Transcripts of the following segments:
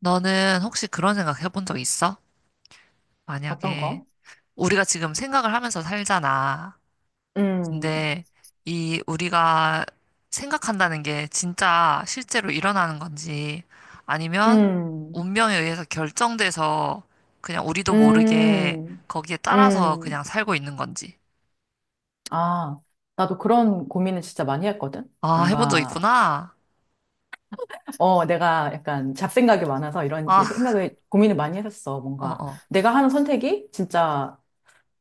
너는 혹시 그런 생각 해본 적 있어? 어떤 만약에 거? 우리가 지금 생각을 하면서 살잖아. 음, 근데 이 우리가 생각한다는 게 진짜 실제로 일어나는 건지, 아니면 음, 운명에 의해서 결정돼서 그냥 우리도 모르게 음, 거기에 따라서 그냥 음, 살고 있는 건지. 아, 나도 그런 고민을 진짜 많이 했거든. 아, 해본 적 뭔가, 있구나. 어, 내가 약간 잡생각이 많아서 이런 아, 생각을, 고민을 많이 했었어. 뭔가, 어어. 내가 하는 선택이 진짜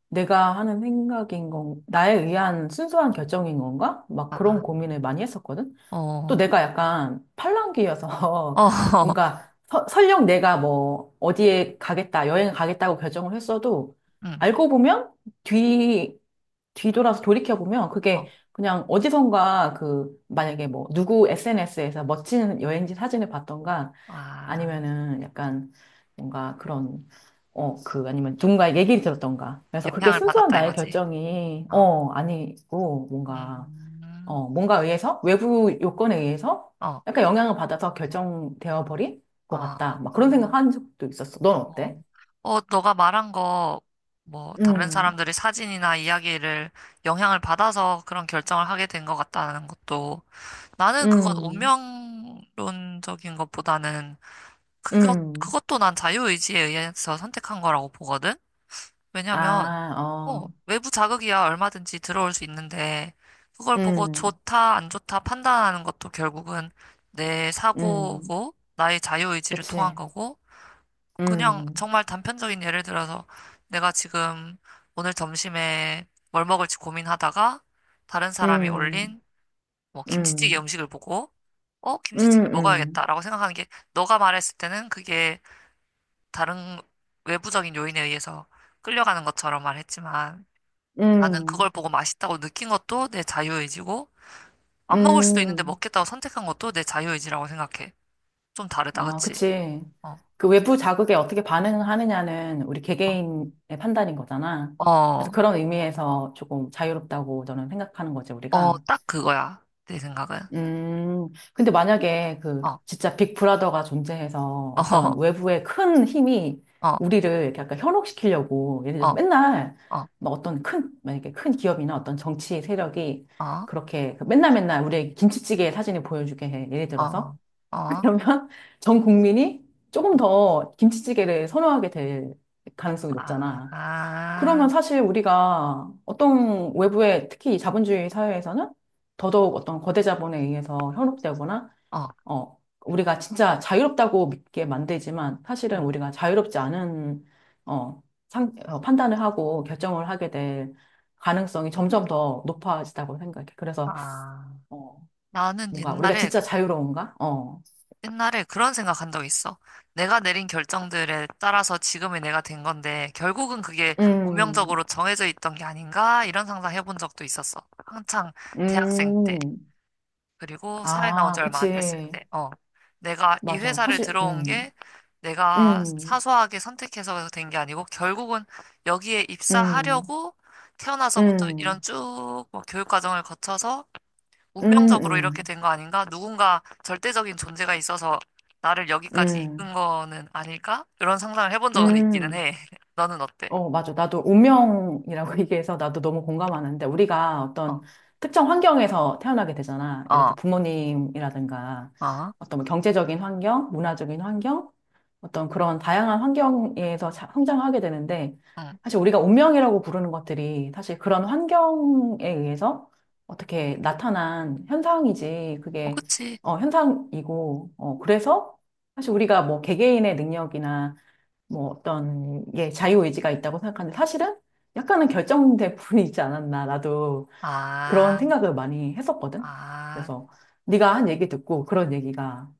내가 하는 생각인 건, 나에 의한 순수한 결정인 건가? 막 그런 아, 고민을 많이 했었거든. 또 어, 내가 약간 팔랑귀여서 어, 뭔가 설령 내가 뭐 어디에 가겠다, 여행 가겠다고 결정을 했어도 응, 알고 보면 뒤, 뒤돌아서 돌이켜보면 어. 그게 그냥 어디선가 그 만약에 뭐 누구 SNS에서 멋진 여행지 사진을 봤던가 아, 아니면은 약간 뭔가 그런 어, 그, 아니면 누군가의 얘기를 들었던가. 그래서 그게 영향을 순수한 받았다 나의 이거지. 결정이, 어. 어, 아니고, 뭔가, 음. 어, 뭔가 의해서, 외부 요건에 의해서 어, 약간 영향을 받아서 결정되어 버린 것 같다. 아, 막 그런 생각 한 적도 있었어. 넌 어. 어때? 너가 말한 거, 뭐, 다른 음, 사람들이 사진이나 이야기를 영향을 받아서 그런 결정을 하게 된 것 같다는 것도, 나는 그건 음, 운명론적인 것보다는, 그것, 음, 그것도 난 자유의지에 의해서 선택한 거라고 보거든? 왜냐면, 아, 어, 외부 자극이야 얼마든지 들어올 수 있는데, 그걸 보고 음, 좋다, 안 좋다 판단하는 것도 결국은 내 음, 사고고, 나의 자유의지를 통한 그치. 거고, 그냥 음, 정말 단편적인 예를 들어서 내가 지금 오늘 점심에 뭘 먹을지 고민하다가 다른 사람이 음, 올린 뭐 김치찌개 음, 음식을 보고 음, 김치찌개 음, 먹어야겠다라고 생각하는 게, 너가 말했을 때는 그게 다른 외부적인 요인에 의해서 끌려가는 것처럼 말했지만 나는 음, 그걸 보고 맛있다고 느낀 것도 내 자유의지고 안 먹을 수도 있는데 음. 먹겠다고 선택한 것도 내 자유의지라고 생각해. 좀 다르다, 아, 그치? 그치. 어, 그 외부 자극에 어떻게 반응하느냐는 우리 어, 개개인의 판단인 거잖아. 그래서 어, 그런 의미에서 조금 자유롭다고 저는 생각하는 거지, 어, 우리가. 딱 그거야. 내 생각은. 근데 만약에 그 어, 진짜 빅브라더가 존재해서 어 어떤 어, 외부의 큰 힘이 어, 우리를 이렇게 약간 현혹시키려고 예를 어, 들어서 맨날 어, 뭐 어떤 큰, 만약에 큰 기업이나 어떤 정치 세력이 그렇게 그 맨날 맨날 우리의 김치찌개 사진을 보여주게 해. 예를 어, 들어서. 어, 그러면 전 국민이 조금 더 김치찌개를 선호하게 될 가능성이 높잖아. 아, 그러면 사실 우리가 어떤 외부의 특히 이 자본주의 사회에서는 더더욱 어떤 거대 자본에 의해서 현혹되거나, 어, 어, 우리가 진짜 자유롭다고 믿게 만들지만 사실은 응, 우리가 자유롭지 않은, 어, 판단을 하고 결정을 하게 될 가능성이 점점 더 높아지다고 생각해. 그래서, 아. 어, 나는 뭔가 우리가 옛날에, 진짜 자유로운가? 어. 옛날에 그런 생각한 적 있어. 내가 내린 결정들에 따라서 지금의 내가 된 건데, 결국은 그게 음. 운명적으로 정해져 있던 게 아닌가? 이런 상상 해본 적도 있었어. 한창 대학생 때. 음, 그리고 사회 나온 지 아, 얼마 안 됐을 그치. 때, 내가 이 맞아. 회사를 사실, 들어온 게 내가 음, 사소하게 선택해서 된 게 아니고 결국은 여기에 음, 입사하려고 태어나서부터 이런 음, 쭉뭐 교육 과정을 거쳐서 음, 운명적으로 이렇게 음, 된 거 아닌가? 누군가 절대적인 존재가 있어서 나를 여기까지 음, 이끈 거는 아닐까? 이런 상상을 해본 적은 있기는 음. 해. 너는 어때? 어, 맞아. 나도 운명이라고 얘기해서 나도 너무 공감하는데 우리가 어떤 어, 특정 환경에서 태어나게 되잖아. 예를 어, 들어 부모님이라든가 어, 어떤 뭐 경제적인 환경, 문화적인 환경, 어떤 그런 다양한 환경에서 성장하게 되는데 응. 사실 우리가 운명이라고 부르는 것들이 사실 그런 환경에 의해서 어떻게 나타난 현상이지. 어, 그게 그치. 어, 현상이고, 어, 그래서 사실 우리가 뭐 개개인의 능력이나 뭐 어떤 예 자유의지가 있다고 생각하는데 사실은 약간은 결정된 부분이 있지 않았나 나도 그런 아, 생각을 많이 했었거든. 아, 그래서 네가 한 얘기 듣고 그런 얘기가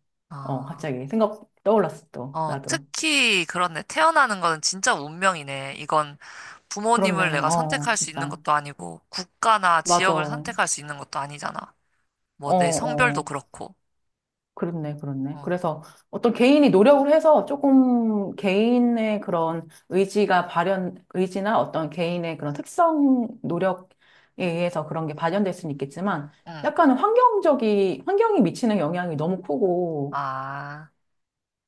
어 어. 갑자기 생각 떠올랐어 또 어, 나도 특히 그렇네. 태어나는 거는 진짜 운명이네. 이건 부모님을 그렇네 내가 어 선택할 수 있는 진짜 것도 아니고, 국가나 맞아 지역을 선택할 수 있는 것도 아니잖아. 뭐, 내 성별도 어어 그렇고. 그렇네, 그렇네. 어, 그래서 어떤 개인이 노력을 해서 조금 개인의 그런 의지가 발현, 의지나 어떤 개인의 그런 특성 노력에 의해서 그런 게 발현될 수는 있겠지만 응. 약간 환경이 미치는 영향이 너무 크고 아,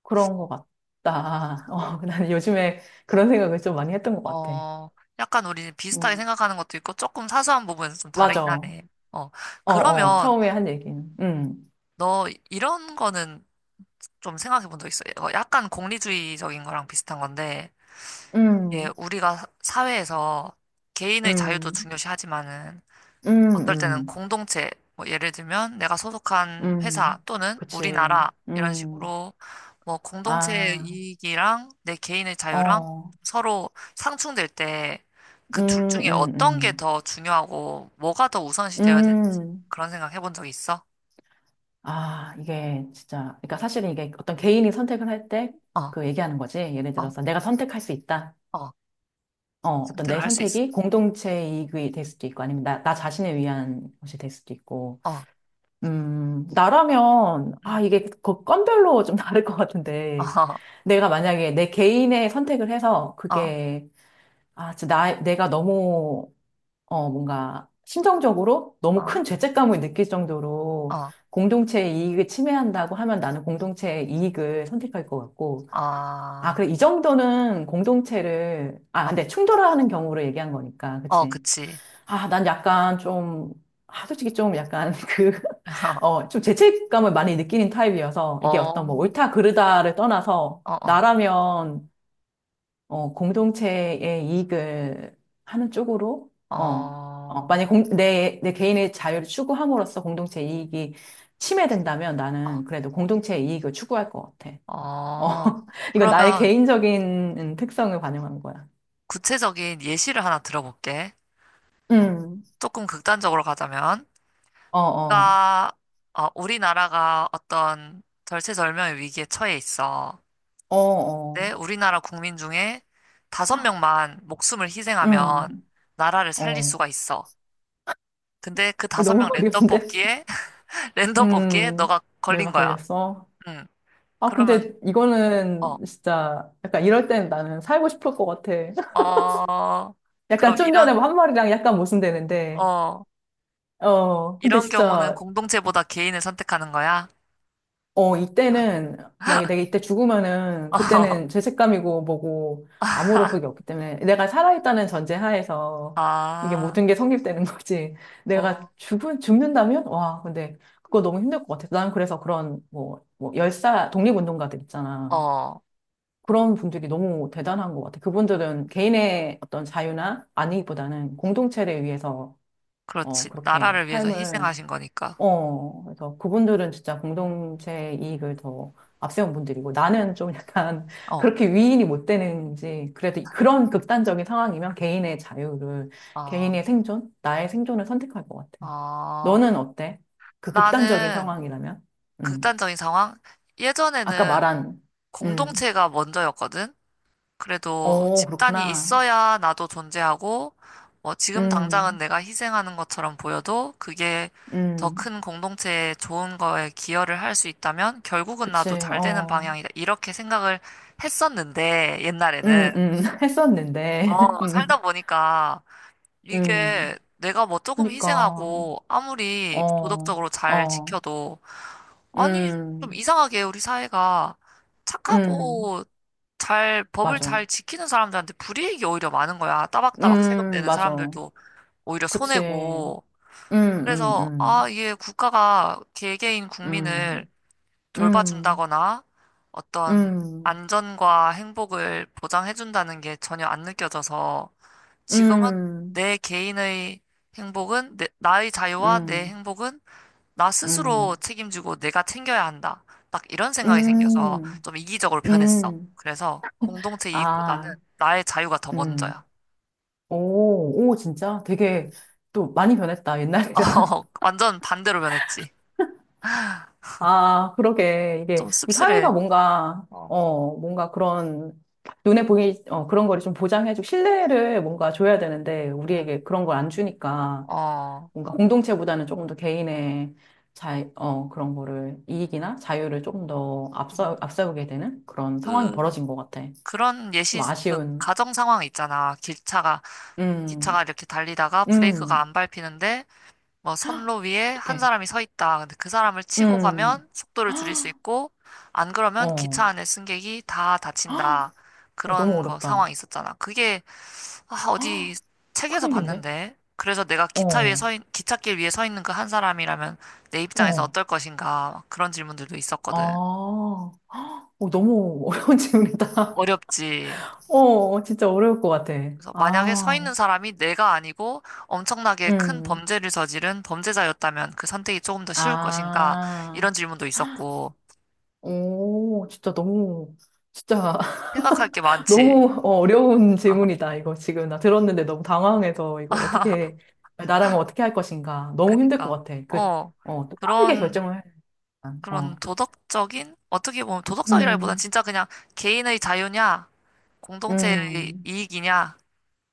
그런 것 같다. 어, 난 요즘에 그런 생각을 좀 많이 했던 것 같아. 어, 약간 우리 비슷하게 음, 생각하는 것도 있고, 조금 사소한 부분에서 좀 맞아. 다르긴 어, 하네. 어, 어, 그러면 처음에 한 얘기는. 너 이런 거는 좀 생각해 본 적 있어? 어, 약간 공리주의적인 거랑 비슷한 건데, 예, 음, 우리가 사회에서 개인의 자유도 음, 중요시하지만은, 음, 어떨 때는 음, 공동체, 뭐 예를 들면 내가 소속한 음. 회사 또는 그치. 우리나라 이런 음. 식으로 뭐 공동체의 아, 이익이랑 내 개인의 자유랑 어, 서로 상충될 때 음, 그 둘 중에 어떤 게 음, 더 중요하고 뭐가 더 우선시 되어야 음, 되는지 음. 그런 생각 해본 적 있어? 아, 이게 진짜, 그러니까 사실은 이게 어떤 개인이 선택을 할 때 어, 그 얘기하는 거지. 예를 어, 들어서 내가 선택할 수 있다. 어, 어, 어떤 선택을 내 할 수 있어. 선택이 공동체 이익이 될 수도 있고, 아니면 나 자신을 위한 것이 될 수도 있고. 어, 나라면, 아, 응, 이게 그 건별로 좀 다를 것 같은데. 어, 내가 만약에 내 개인의 선택을 해서 어, 그게, 아, 진짜 나, 내가 너무 어, 뭔가 심정적으로 너무 어, 큰 죄책감을 느낄 정도로 어, 공동체의 이익을 침해한다고 하면 나는 공동체의 이익을 선택할 것 같고, 아, 아, 그래, 이 정도는 공동체를, 아, 어, 근데 충돌하는 경우를 얘기한 거니까, 어, 어, 그치? 그치. 아, 난 약간 좀, 아, 솔직히 좀 약간 그, 어, 좀 죄책감을 많이 느끼는 타입이어서 어, 이게 어떤 뭐 어, 옳다 그르다를 떠나서 어, 나라면 어, 공동체의 이익을 하는 쪽으로, 어, 어, 어, 만약 내 개인의 자유를 추구함으로써 공동체 이익이 침해된다면 어. 나는 그래도 공동체의 이익을 추구할 것 같아. 어, 어, 이거 나의 그러면 개인적인 특성을 반영한 거야. 구체적인 예시를 하나 들어볼게. 어, 음, 조금 극단적으로 가자면, 어, 어, 나, 어, 우리나라가 어떤 절체절명의 위기에 처해 있어. 어, 근데 어, 우리나라 국민 중에 5명만 목숨을 희생하면 음, 나라를 살릴 어. 수가 있어. 근데 그 다섯 너무 명 랜덤 어려운데? 뽑기에, 랜덤 뽑기에 음, 너가 걸린 내가 거야. 걸렸어. 응. 아, 그러면, 근데 어, 이거는 진짜 약간 이럴 땐 나는 살고 싶을 것 같아. 어, 약간 그럼 좀 전에 이런, 한 말이랑 약간 모순되는데, 어, 어, 근데 이런 경우는 진짜, 공동체보다 개인을 선택하는 거야? 어, 이때는, 만약에 내가 이때 죽으면은, 어, 그때는 죄책감이고 뭐고, 아무런 그게 없기 때문에, 내가 살아있다는 전제 하에서, 이게 아, 모든 게 성립되는 거지. 내가 어, 죽는다면? 와, 근데, 그거 너무 힘들 것 같아. 난 그래서 그런, 뭐, 뭐, 열사, 독립운동가들 있잖아. 어, 그런 분들이 너무 대단한 것 같아. 그분들은 개인의 어떤 자유나 안위보다는 공동체를 위해서, 어, 그렇지. 그렇게 나라를 위해서 삶을 희생하신 거니까. 어, 그래서 그분들은 진짜 공동체 이익을 더 앞세운 분들이고 나는 좀 약간 어, 그렇게 위인이 못 되는지 그래도 그런 극단적인 상황이면 개인의 자유를, 어, 개인의 생존, 나의 생존을 선택할 것 같아. 아, 너는 어때? 그 극단적인 나는 상황이라면? 음. 극단적인 상황? 아까 예전에는 말한, 음. 공동체가 먼저였거든? 그래도 어, 집단이 그렇구나. 있어야 나도 존재하고, 뭐 지금 당장은 음, 내가 희생하는 것처럼 보여도 그게 더 음. 큰 공동체에 좋은 거에 기여를 할 수 있다면 결국은 그치, 나도 잘 되는 어. 방향이다. 이렇게 생각을 했었는데, 옛날에는. 했었는데. 어, 살다 보니까 이게 음. 내가 뭐 조금 그니까, 희생하고 아무리 어. 도덕적으로 잘 어. 지켜도, 아니, 좀 음, 이상하게 우리 사회가 음, 착하고 잘, 법을 맞아. 잘 지키는 사람들한테 불이익이 오히려 많은 거야. 따박따박 세금 내는 맞아. 사람들도 오히려 그치. 손해고. 음, 그래서, 아, 음, 이게 국가가 개개인 국민을 음, 음, 돌봐준다거나 어떤 음, 안전과 행복을 보장해준다는 게 전혀 안 느껴져서 지금은 음, 내 개인의 행복은, 내, 나의 자유와 내 음, 행복은 나 스스로 음, 책임지고 내가 챙겨야 한다. 딱 이런 생각이 생겨서 음, 좀 이기적으로 변했어. 음, 그래서 공동체 이익보다는 아, 나의 자유가 더 음. 먼저야. 오, 오, 진짜? 응. 되게 또 많이 변했다, 옛날이랑. 어, 완전 반대로 변했지. 아, 그러게. 이게, 좀 이 씁쓸해. 사회가 뭔가, 어, 어, 뭔가 그런, 그런 거를 좀 보장해주고, 신뢰를 뭔가 줘야 되는데, 응. 우리에게 그런 걸 안 주니까, 어, 뭔가 공동체보다는 조금 더 개인의 그런 거를, 이익이나 자유를 조금 더 음. 앞세우게 되는 그런 상황이 그, 벌어진 것 같아. 그런 좀 예시, 그 아쉬운, 가정 상황 있잖아. 기차가 음, 이렇게 달리다가 브레이크가 음, 안 밟히는데 막 선로 위에 한 어떡해. 사람이 서 있다. 근데 그 사람을 치고 음, 가면 속도를 줄일 수 헉, 있고, 안 그러면 어, 기차 안에 승객이 다 헉, 다친다. 어, 너무 그런 거 어렵다. 상황이 있었잖아. 그게, 아, 헉, 어디 책에서 큰일인데? 봤는데. 그래서 내가 기차 위에 어, 서, 있, 기찻길 위에 서 있는 그 한 사람이라면 내 입장에서 어. 어떨 것인가. 막 그런 질문들도 있었거든. 아, 헉, 어, 너무 어려운 질문이다. 어렵지. 어, 어, 진짜 어려울 것 같아. 그래서 만약에 서 아, 있는 사람이 내가 아니고 엄청나게 큰 음, 범죄를 저지른 범죄자였다면 그 선택이 조금 더 쉬울 것인가. 아, 이런 질문도 있었고. 오, 진짜 너무, 진짜 생각할 게 많지. 너무 어, 어려운 질문이다. 이거 지금 나 들었는데 너무 당황해서 이거 어떻게, 나라면 어떻게 할 것인가. 너무 힘들 것 그니까. 같아. 그, 어, 어, 또 빠르게 그런, 결정을 해야 되니까. 그런 어, 도덕적인? 어떻게 보면 도덕적이라기보단 음, 진짜 그냥 개인의 자유냐, 공동체의 음, 이익이냐,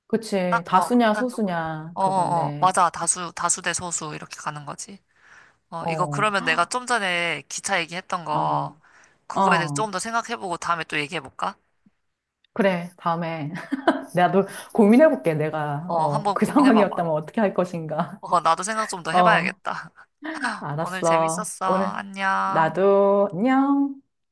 그치. 딱, 어, 다수냐, 극단적으로. 소수냐, 어, 어, 어, 그건데, 맞아. 다수 대 소수 이렇게 가는 거지. 어, 이거 어, 그러면 내가 좀 전에 기차 얘기했던 어, 거, 그거에 대해서 어. 조금 더 생각해보고 다음에 또 얘기해볼까? 그래, 다음에. 나도 고민해볼게, 내가. 어, 어, 한번 그 고민해봐봐. 상황이었다면 어떻게 할 것인가. 어, 나도 생각 좀 더 어, 해봐야겠다. 오늘 알았어. 재밌었어. 오늘, 안녕. 나도 안녕.